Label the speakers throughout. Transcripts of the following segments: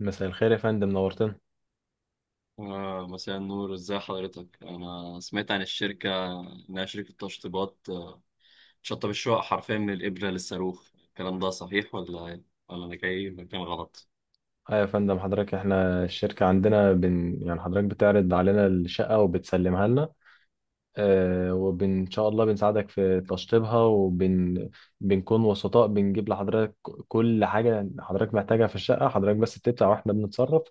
Speaker 1: مساء الخير يا فندم، نورتنا.
Speaker 2: مساء النور، ازاي حضرتك؟ انا سمعت عن الشركه انها شركه تشطيبات، تشطب الشقق حرفيا من الابره للصاروخ. الكلام ده صحيح ولا ايه؟ ولا انا جاي مكان غلط؟
Speaker 1: اه يا فندم، حضرتك احنا الشركة عندنا بن يعني حضرتك بتعرض علينا الشقة وبتسلمها لنا، اه ان شاء الله بنساعدك في تشطيبها بنكون وسطاء، بنجيب لحضرتك كل حاجة حضرتك محتاجها في الشقة. حضرتك بس بتدفع واحنا بنتصرف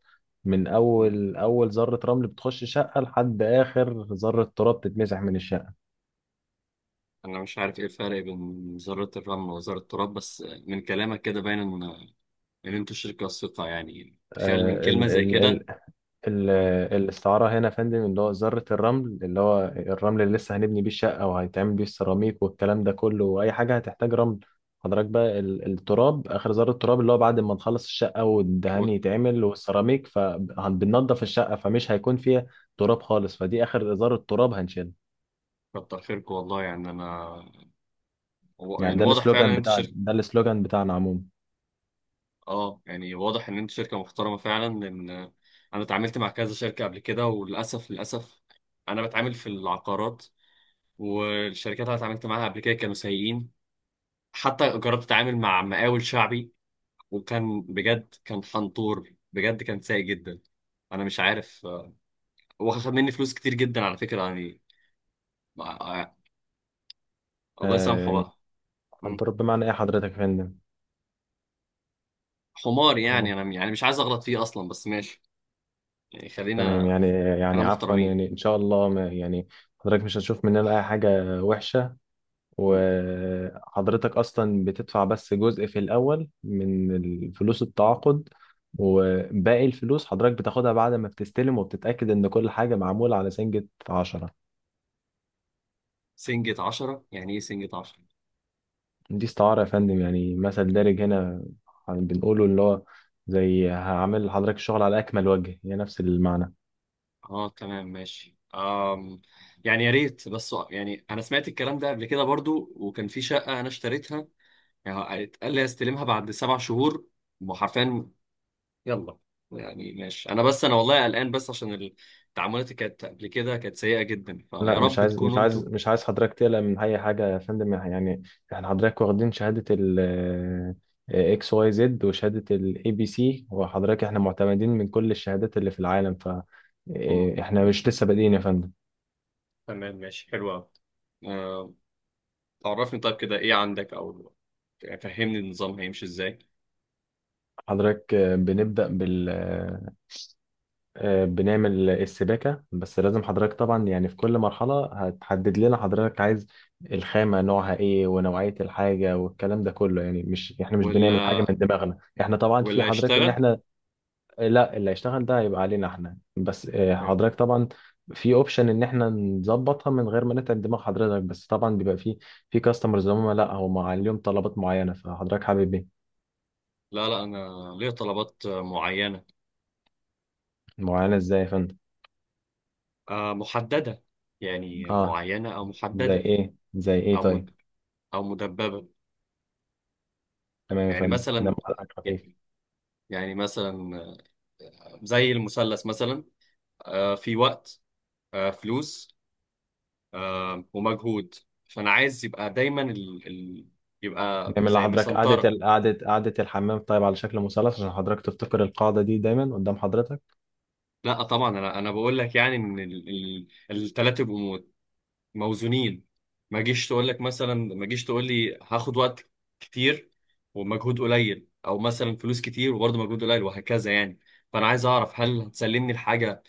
Speaker 1: من
Speaker 2: مم.
Speaker 1: اول ذرة رمل بتخش الشقة لحد اخر ذرة تراب تتمسح من الشقة.
Speaker 2: انا مش عارف ايه الفرق بين وزاره الرمل ووزاره التراب، بس من كلامك كده باين ان انتوا شركه ثقه، يعني تخيل من كلمه زي كده.
Speaker 1: ال-
Speaker 2: مم.
Speaker 1: الاستعارة هنا يا فندم اللي هو ذرة الرمل، اللي هو الرمل اللي لسه هنبني بيه الشقة وهيتعمل بيه السيراميك والكلام ده كله وأي حاجة هتحتاج رمل. حضرتك بقى التراب، آخر ذرة تراب، اللي هو بعد ما نخلص الشقة والدهان يتعمل والسيراميك فبننضف الشقة فمش هيكون فيها تراب خالص، فدي آخر ذرة تراب هنشيلها.
Speaker 2: وكتر خيركم والله، يعني انا
Speaker 1: يعني
Speaker 2: يعني
Speaker 1: ده
Speaker 2: واضح فعلا ان
Speaker 1: السلوجان
Speaker 2: انتوا
Speaker 1: بتاعنا،
Speaker 2: شركه.
Speaker 1: ده السلوجان بتاعنا عموما.
Speaker 2: اه، يعني واضح ان انت شركه محترمه فعلا، لان انا اتعاملت مع كذا شركه قبل كده وللاسف للاسف انا بتعامل في العقارات، والشركات اللي أنا اتعاملت معاها قبل كده كانوا سيئين. حتى جربت اتعامل مع مقاول شعبي، وكان بجد، كان حنطور، بجد كان سيء جدا. انا مش عارف، واخد مني فلوس كتير جدا على فكره يعني آه، الله
Speaker 1: آه
Speaker 2: يسامحه
Speaker 1: يعني،
Speaker 2: بقى.
Speaker 1: عن
Speaker 2: مم.
Speaker 1: تراب بمعنى إيه حضرتك يا فندم؟
Speaker 2: حمار،
Speaker 1: آه.
Speaker 2: يعني انا يعني مش عايز اغلط فيه اصلا، بس ماشي. يعني
Speaker 1: تمام
Speaker 2: خلينا
Speaker 1: يعني،
Speaker 2: انا
Speaker 1: يعني عفوا
Speaker 2: محترمين.
Speaker 1: يعني ان شاء الله ما يعني حضرتك مش هتشوف مننا اي حاجه وحشه،
Speaker 2: مم.
Speaker 1: وحضرتك اصلا بتدفع بس جزء في الاول من فلوس التعاقد، وباقي الفلوس حضرتك بتاخدها بعد ما بتستلم وبتتاكد ان كل حاجه معموله على سنجة عشرة.
Speaker 2: سنجة عشرة، يعني ايه سنجة عشرة؟
Speaker 1: دي استعاره يا فندم، يعني مثل دارج هنا بنقوله، اللي هو زي هعمل لحضرتك الشغل على اكمل وجه، هي نفس المعنى.
Speaker 2: اه، تمام ماشي. يعني يا ريت، بس يعني انا سمعت الكلام ده قبل كده برضو، وكان في شقة انا اشتريتها، يعني اتقال لي استلمها بعد سبع شهور، وحرفيا، يلا، يعني ماشي، انا بس انا والله قلقان بس عشان التعاملات اللي كانت قبل كده كانت سيئة جدا، فيا
Speaker 1: لا، مش
Speaker 2: رب
Speaker 1: عايز مش
Speaker 2: تكونوا انتوا.
Speaker 1: عايز مش عايز حضرتك تقلق من اي حاجه يا فندم، يعني احنا حضرتك واخدين شهاده ال XYZ وشهاده ABC، وحضرتك احنا معتمدين من كل الشهادات اللي في العالم. ف
Speaker 2: مم.
Speaker 1: احنا مش لسه بادئين يا فندم.
Speaker 2: تمام ماشي، حلو قوي. عرفني طيب كده ايه عندك، او يعني فهمني النظام هيمشي ازاي،
Speaker 1: حضرتك بنبدا بال آه، بنعمل السباكه. بس لازم حضرتك طبعا يعني في كل مرحله هتحدد لنا حضرتك عايز الخامه نوعها ايه ونوعيه الحاجه والكلام ده كله. يعني مش احنا مش بنعمل حاجه
Speaker 2: ولا
Speaker 1: من دماغنا، احنا طبعا في
Speaker 2: ولا
Speaker 1: حضرتك ان
Speaker 2: يشتغل
Speaker 1: احنا لا، اللي هيشتغل ده هيبقى علينا احنا بس.
Speaker 2: يعني.
Speaker 1: حضرتك طبعا في اوبشن ان احنا نظبطها من غير ما نتعب دماغ حضرتك، بس طبعا بيبقى في كاستمرز هم، لا هم عليهم طلبات معينه، فحضرتك حابب ايه؟
Speaker 2: لا لا، انا ليا طلبات معينة،
Speaker 1: معينه ازاي يا فندم؟
Speaker 2: محددة، يعني
Speaker 1: اه،
Speaker 2: معينة او
Speaker 1: زي
Speaker 2: محددة.
Speaker 1: ايه؟ زي ايه
Speaker 2: او مد...
Speaker 1: طيب.
Speaker 2: او مدببة.
Speaker 1: تمام يا
Speaker 2: يعني
Speaker 1: فندم، دم
Speaker 2: مثلا
Speaker 1: حضرتك خفيف.
Speaker 2: يعني مثلا، زي المثلث مثلا، في وقت، فلوس، ومجهود. فانا عايز يبقى دايما يبقى
Speaker 1: نعمل
Speaker 2: زي
Speaker 1: لحضرتك
Speaker 2: مسنطره.
Speaker 1: قعده الحمام طيب على شكل مثلث عشان حضرتك تفتكر القاعده دي دايما قدام حضرتك.
Speaker 2: لا طبعا، انا بقول لك يعني ان الثلاثه يبقوا موزونين. ما جيش تقول لك مثلا، ما جيش تقول لي هاخد وقت كتير ومجهود قليل، او مثلا فلوس كتير وبرضه مجهود قليل وهكذا يعني. فانا عايز اعرف هل هتسلمني الحاجه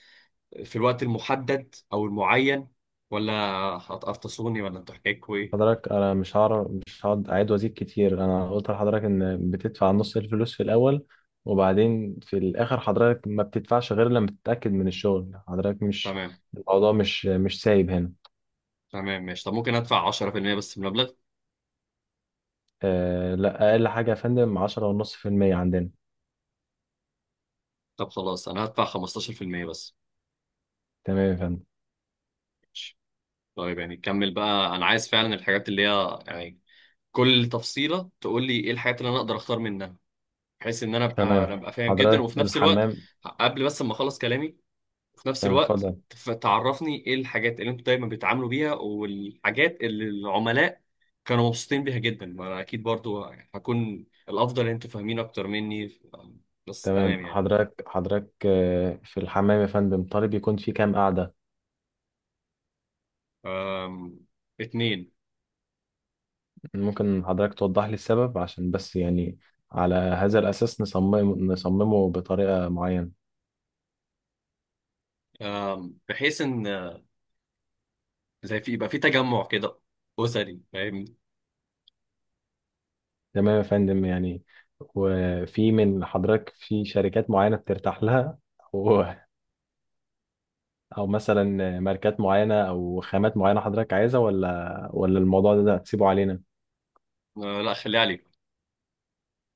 Speaker 2: في الوقت المحدد او المعين، ولا هتقرطصوني، ولا انتوا حكايتكوا ايه؟
Speaker 1: حضرتك انا مش هعرف، مش هقعد اعيد وازيد كتير. انا قلت لحضرتك ان بتدفع نص الفلوس في الاول وبعدين في الاخر حضرتك ما بتدفعش غير لما تتاكد من الشغل. حضرتك مش
Speaker 2: تمام،
Speaker 1: الموضوع مش سايب هنا.
Speaker 2: تمام، ماشي. طب ممكن ادفع 10% بس من المبلغ؟
Speaker 1: آه لا، اقل حاجه يا فندم 10 ونص في المية عندنا.
Speaker 2: طب خلاص انا هدفع 15% بس.
Speaker 1: تمام يا فندم.
Speaker 2: ماشي. طيب يعني كمل بقى، انا عايز فعلا الحاجات اللي هي يعني كل تفصيله تقول لي ايه الحاجات اللي انا اقدر اختار منها، بحيث ان انا ابقى انا
Speaker 1: تمام
Speaker 2: ابقى فاهم جدا، وفي
Speaker 1: حضرتك،
Speaker 2: نفس الوقت،
Speaker 1: الحمام.
Speaker 2: قبل بس ما اخلص كلامي، وفي نفس
Speaker 1: تمام
Speaker 2: الوقت
Speaker 1: اتفضل.
Speaker 2: تعرفني ايه الحاجات اللي انتوا دايما بيتعاملوا بيها، والحاجات اللي العملاء كانوا مبسوطين بيها جدا، ما انا اكيد برضو هكون الافضل ان انتوا فاهمين اكتر مني، بس
Speaker 1: تمام
Speaker 2: تمام يعني.
Speaker 1: حضرتك، حضرتك في الحمام يا فندم طالب يكون في كام قعده؟
Speaker 2: أم، اتنين.
Speaker 1: ممكن حضرتك توضح لي السبب، عشان بس يعني على هذا الأساس نصممه بطريقة معينة.
Speaker 2: بحيث ان زي في يبقى في تجمع كده أسري، فاهم؟
Speaker 1: تمام يا فندم، يعني وفي من حضرتك في شركات معينة بترتاح لها؟ أو أو مثلا ماركات معينة أو خامات معينة حضرتك عايزها، ولا الموضوع ده هتسيبه علينا؟
Speaker 2: لا خليها عليكم،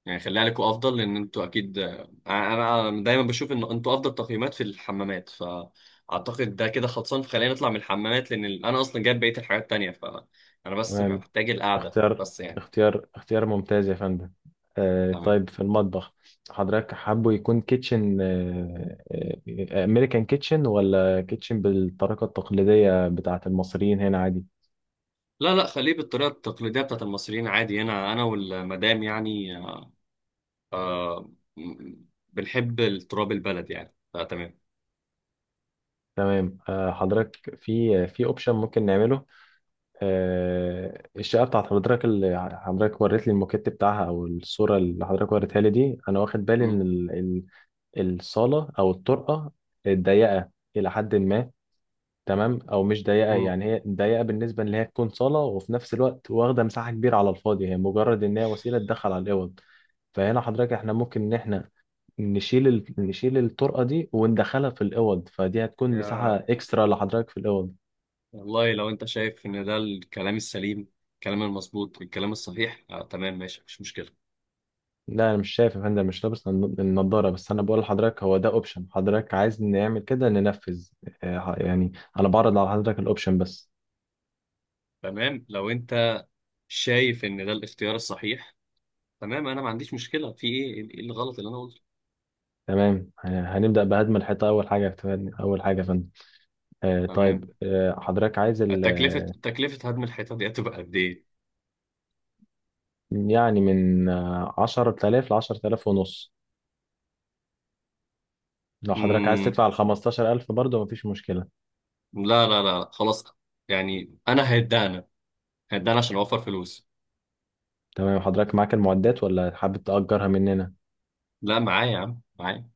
Speaker 2: يعني خليها عليكم أفضل، لأن أنتوا أكيد، أنا دايما بشوف إن أنتوا أفضل تقييمات في الحمامات، فأعتقد ده كده خلصان، فخلينا نطلع من الحمامات، لأن أنا أصلا جايب بقية الحاجات التانية، فأنا بس
Speaker 1: تمام.
Speaker 2: محتاج القعدة
Speaker 1: اختيار
Speaker 2: بس يعني.
Speaker 1: اختيار ممتاز يا فندم. آه
Speaker 2: تمام.
Speaker 1: طيب، في المطبخ حضرتك حابه يكون كيتشن، امريكان كيتشن ولا كيتشن بالطريقة التقليدية بتاعة المصريين هنا عادي؟
Speaker 2: لا لا، خليه بالطريقة التقليدية بتاعت المصريين عادي هنا، أنا والمدام يعني، آه، م- بنحب التراب البلد يعني، فتمام.
Speaker 1: تمام. آه حضرتك، في اوبشن ممكن نعمله. آه الشقة بتاعت حضرتك اللي حضرتك وريت لي الموكيت بتاعها، او الصورة اللي حضرتك وريتها لي دي، انا واخد بالي
Speaker 2: مم.
Speaker 1: ان الصالة او الطرقة ضيقة إلى حد ما. تمام، او مش ضيقه،
Speaker 2: مم.
Speaker 1: يعني هي ضيقه بالنسبه ان هي تكون صاله وفي نفس الوقت واخده مساحه كبيره على الفاضي، هي مجرد ان هي وسيله تدخل على الاوض. فهنا حضرتك، احنا ممكن ان احنا نشيل ال نشيل الطرقه دي وندخلها في الاوض، فدي هتكون مساحه اكسترا لحضرتك في الاوض.
Speaker 2: والله لو انت شايف ان ده الكلام السليم، الكلام المظبوط، الكلام الصحيح، تمام ماشي، مفيش مشكلة.
Speaker 1: لا انا مش شايف يا فندم، مش لابس النضاره، بس انا بقول لحضرتك هو ده اوبشن، حضرتك عايز نعمل كده ننفذ. يعني انا بعرض على حضرتك الاوبشن بس.
Speaker 2: تمام لو انت شايف ان ده الاختيار الصحيح، تمام، انا ما عنديش مشكلة. في ايه، ايه الغلط اللي انا قلته؟
Speaker 1: تمام، هنبدا بهدم الحيطه اول حاجه، اول حاجه يا فندم. طيب
Speaker 2: تمام.
Speaker 1: حضرتك عايز ال
Speaker 2: تكلفة
Speaker 1: آه،
Speaker 2: تكلفة هدم الحيطة دي هتبقى قد ايه؟
Speaker 1: يعني من 10,000 لـ10,500، لو حضرتك عايز
Speaker 2: مم.
Speaker 1: تدفع الـ15,000 برضه مفيش مشكلة.
Speaker 2: لا، لا، لا، خلاص، يعني انا هدانا عشان اوفر فلوس.
Speaker 1: تمام. حضرتك معاك المعدات ولا حابب تأجرها مننا؟
Speaker 2: لا معايا يا عم، معايا.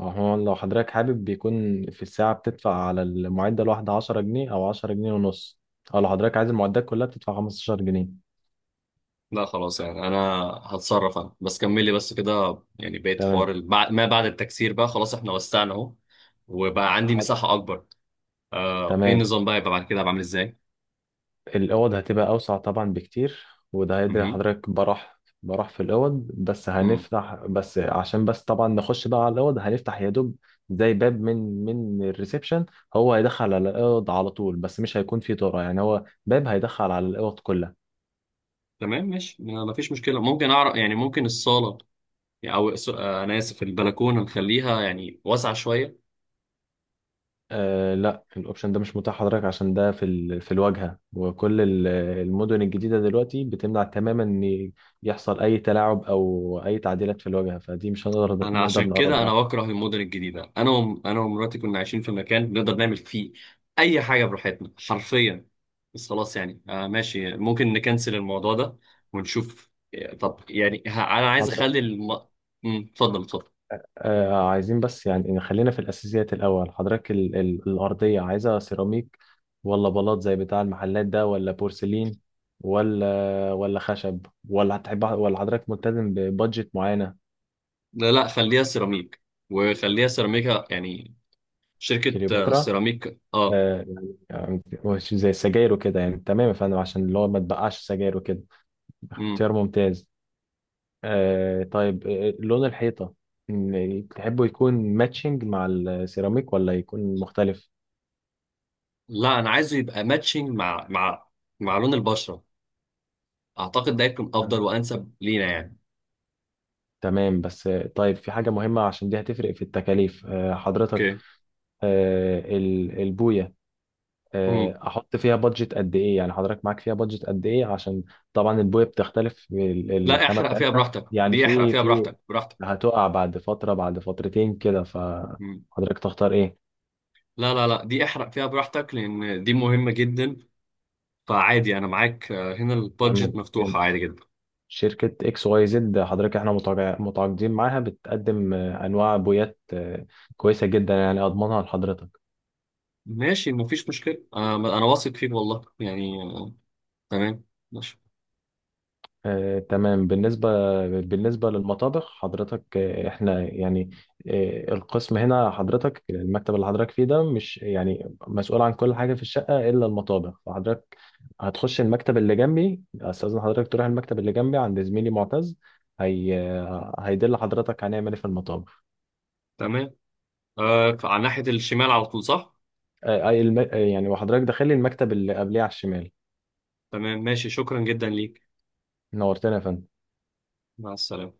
Speaker 1: أو هو لو حضرتك حابب بيكون في الساعة بتدفع على المعدة الواحدة 10 جنيه أو 10.5 جنيه، أو لو حضرتك عايز المعدات كلها بتدفع 15 جنيه.
Speaker 2: لا خلاص، يعني انا هتصرف، انا بس كملي بس كده يعني، بقيت حوار
Speaker 1: تمام.
Speaker 2: ما بعد التكسير بقى خلاص، احنا وسعنا اهو، وبقى عندي
Speaker 1: حاضر.
Speaker 2: مساحة اكبر. آه، ايه
Speaker 1: تمام،
Speaker 2: النظام بقى يبقى بعد كده بعمل ازاي؟
Speaker 1: الأوض هتبقى أوسع طبعا بكتير، وده هيدري
Speaker 2: امم.
Speaker 1: حضرتك براح براح في الأوض، بس
Speaker 2: امم.
Speaker 1: هنفتح بس عشان بس طبعا نخش بقى على الأوض، هنفتح يا دوب زي باب من الريسبشن. هو هيدخل على الأوض على طول، بس مش هيكون فيه طرق، يعني هو باب هيدخل على الأوض كلها.
Speaker 2: تمام ماشي، ما فيش مشكلة. ممكن اعرف يعني ممكن الصالة، يعني انا اسف، البلكونة نخليها يعني واسعة شوية؟
Speaker 1: آه لا، الأوبشن ده مش متاح حضرتك، عشان ده في ال في الواجهة، وكل المدن الجديدة دلوقتي بتمنع تماما إن يحصل أي تلاعب أو أي تعديلات في الواجهة، فدي مش هنقدر
Speaker 2: انا عشان
Speaker 1: نقدر
Speaker 2: كده
Speaker 1: نقرب لها.
Speaker 2: انا بكره المدن الجديده، انا ومراتي كنا عايشين في مكان بنقدر نعمل فيه اي حاجه براحتنا حرفيا. بس خلاص يعني، ماشي، ممكن نكنسل الموضوع ده ونشوف. طب يعني انا عايز
Speaker 1: حضرتك
Speaker 2: اخلي مم، اتفضل، اتفضل.
Speaker 1: عايزين بس يعني نخلينا في الأساسيات الأول. حضرتك ال ال الأرضية عايزة سيراميك ولا بلاط زي بتاع المحلات ده ولا بورسلين ولا خشب ولا هتحب، ولا حضرتك ملتزم ببادجت معينة؟
Speaker 2: لا لا، خليها سيراميك، وخليها سيراميكا يعني، شركه
Speaker 1: كليوباترا.
Speaker 2: سيراميك، اه.
Speaker 1: آه يعني، يعني مش زي السجاير وكده يعني، تمام يا فندم، عشان اللي هو ما تبقعش سجاير وكده.
Speaker 2: مم.
Speaker 1: اختيار ممتاز. آه طيب، آه لون الحيطة، تحبه يكون ماتشنج مع السيراميك ولا يكون مختلف؟
Speaker 2: لا، انا عايزه يبقى ماتشنج مع مع لون البشره، اعتقد ده هيكون افضل وانسب لينا يعني.
Speaker 1: تمام بس. طيب في حاجة مهمة عشان دي هتفرق في التكاليف، حضرتك
Speaker 2: اوكي.
Speaker 1: البوية أحط فيها بادجت قد إيه؟ يعني حضرتك معاك فيها بادجت قد إيه؟ عشان طبعا البوية بتختلف
Speaker 2: لا
Speaker 1: الخامة
Speaker 2: احرق فيها
Speaker 1: بتاعتها
Speaker 2: براحتك،
Speaker 1: يعني
Speaker 2: دي احرق
Speaker 1: في
Speaker 2: فيها براحتك.
Speaker 1: هتقع بعد فترة بعد فترتين كده،
Speaker 2: مم.
Speaker 1: فحضرتك تختار إيه؟
Speaker 2: لا، لا، لا، دي احرق فيها براحتك لان دي مهمة جدا، فعادي انا معاك، هنا
Speaker 1: تمام.
Speaker 2: البادجت
Speaker 1: يعني
Speaker 2: مفتوحة عادي جدا.
Speaker 1: شركة XYZ حضرتك احنا متعاقدين معاها، بتقدم أنواع بويات كويسة جدا يعني أضمنها لحضرتك.
Speaker 2: ماشي مفيش مشكلة، انا واثق فيك والله يعني، تمام ماشي.
Speaker 1: تمام. بالنسبة للمطابخ حضرتك احنا يعني القسم هنا حضرتك، المكتب اللي حضرتك فيه ده مش يعني مسؤول عن كل حاجة في الشقة إلا المطابخ، فحضرتك هتخش المكتب اللي جنبي، أستاذن حضرتك تروح المكتب اللي جنبي عند زميلي معتز، هي هيدل حضرتك هنعمل إيه في المطابخ.
Speaker 2: تمام، على ناحية الشمال على طول، صح؟
Speaker 1: يعني وحضرتك داخلي المكتب اللي قبليه على الشمال.
Speaker 2: تمام ماشي، شكرا جدا ليك.
Speaker 1: نورتنا يا فندم.
Speaker 2: مع السلامة.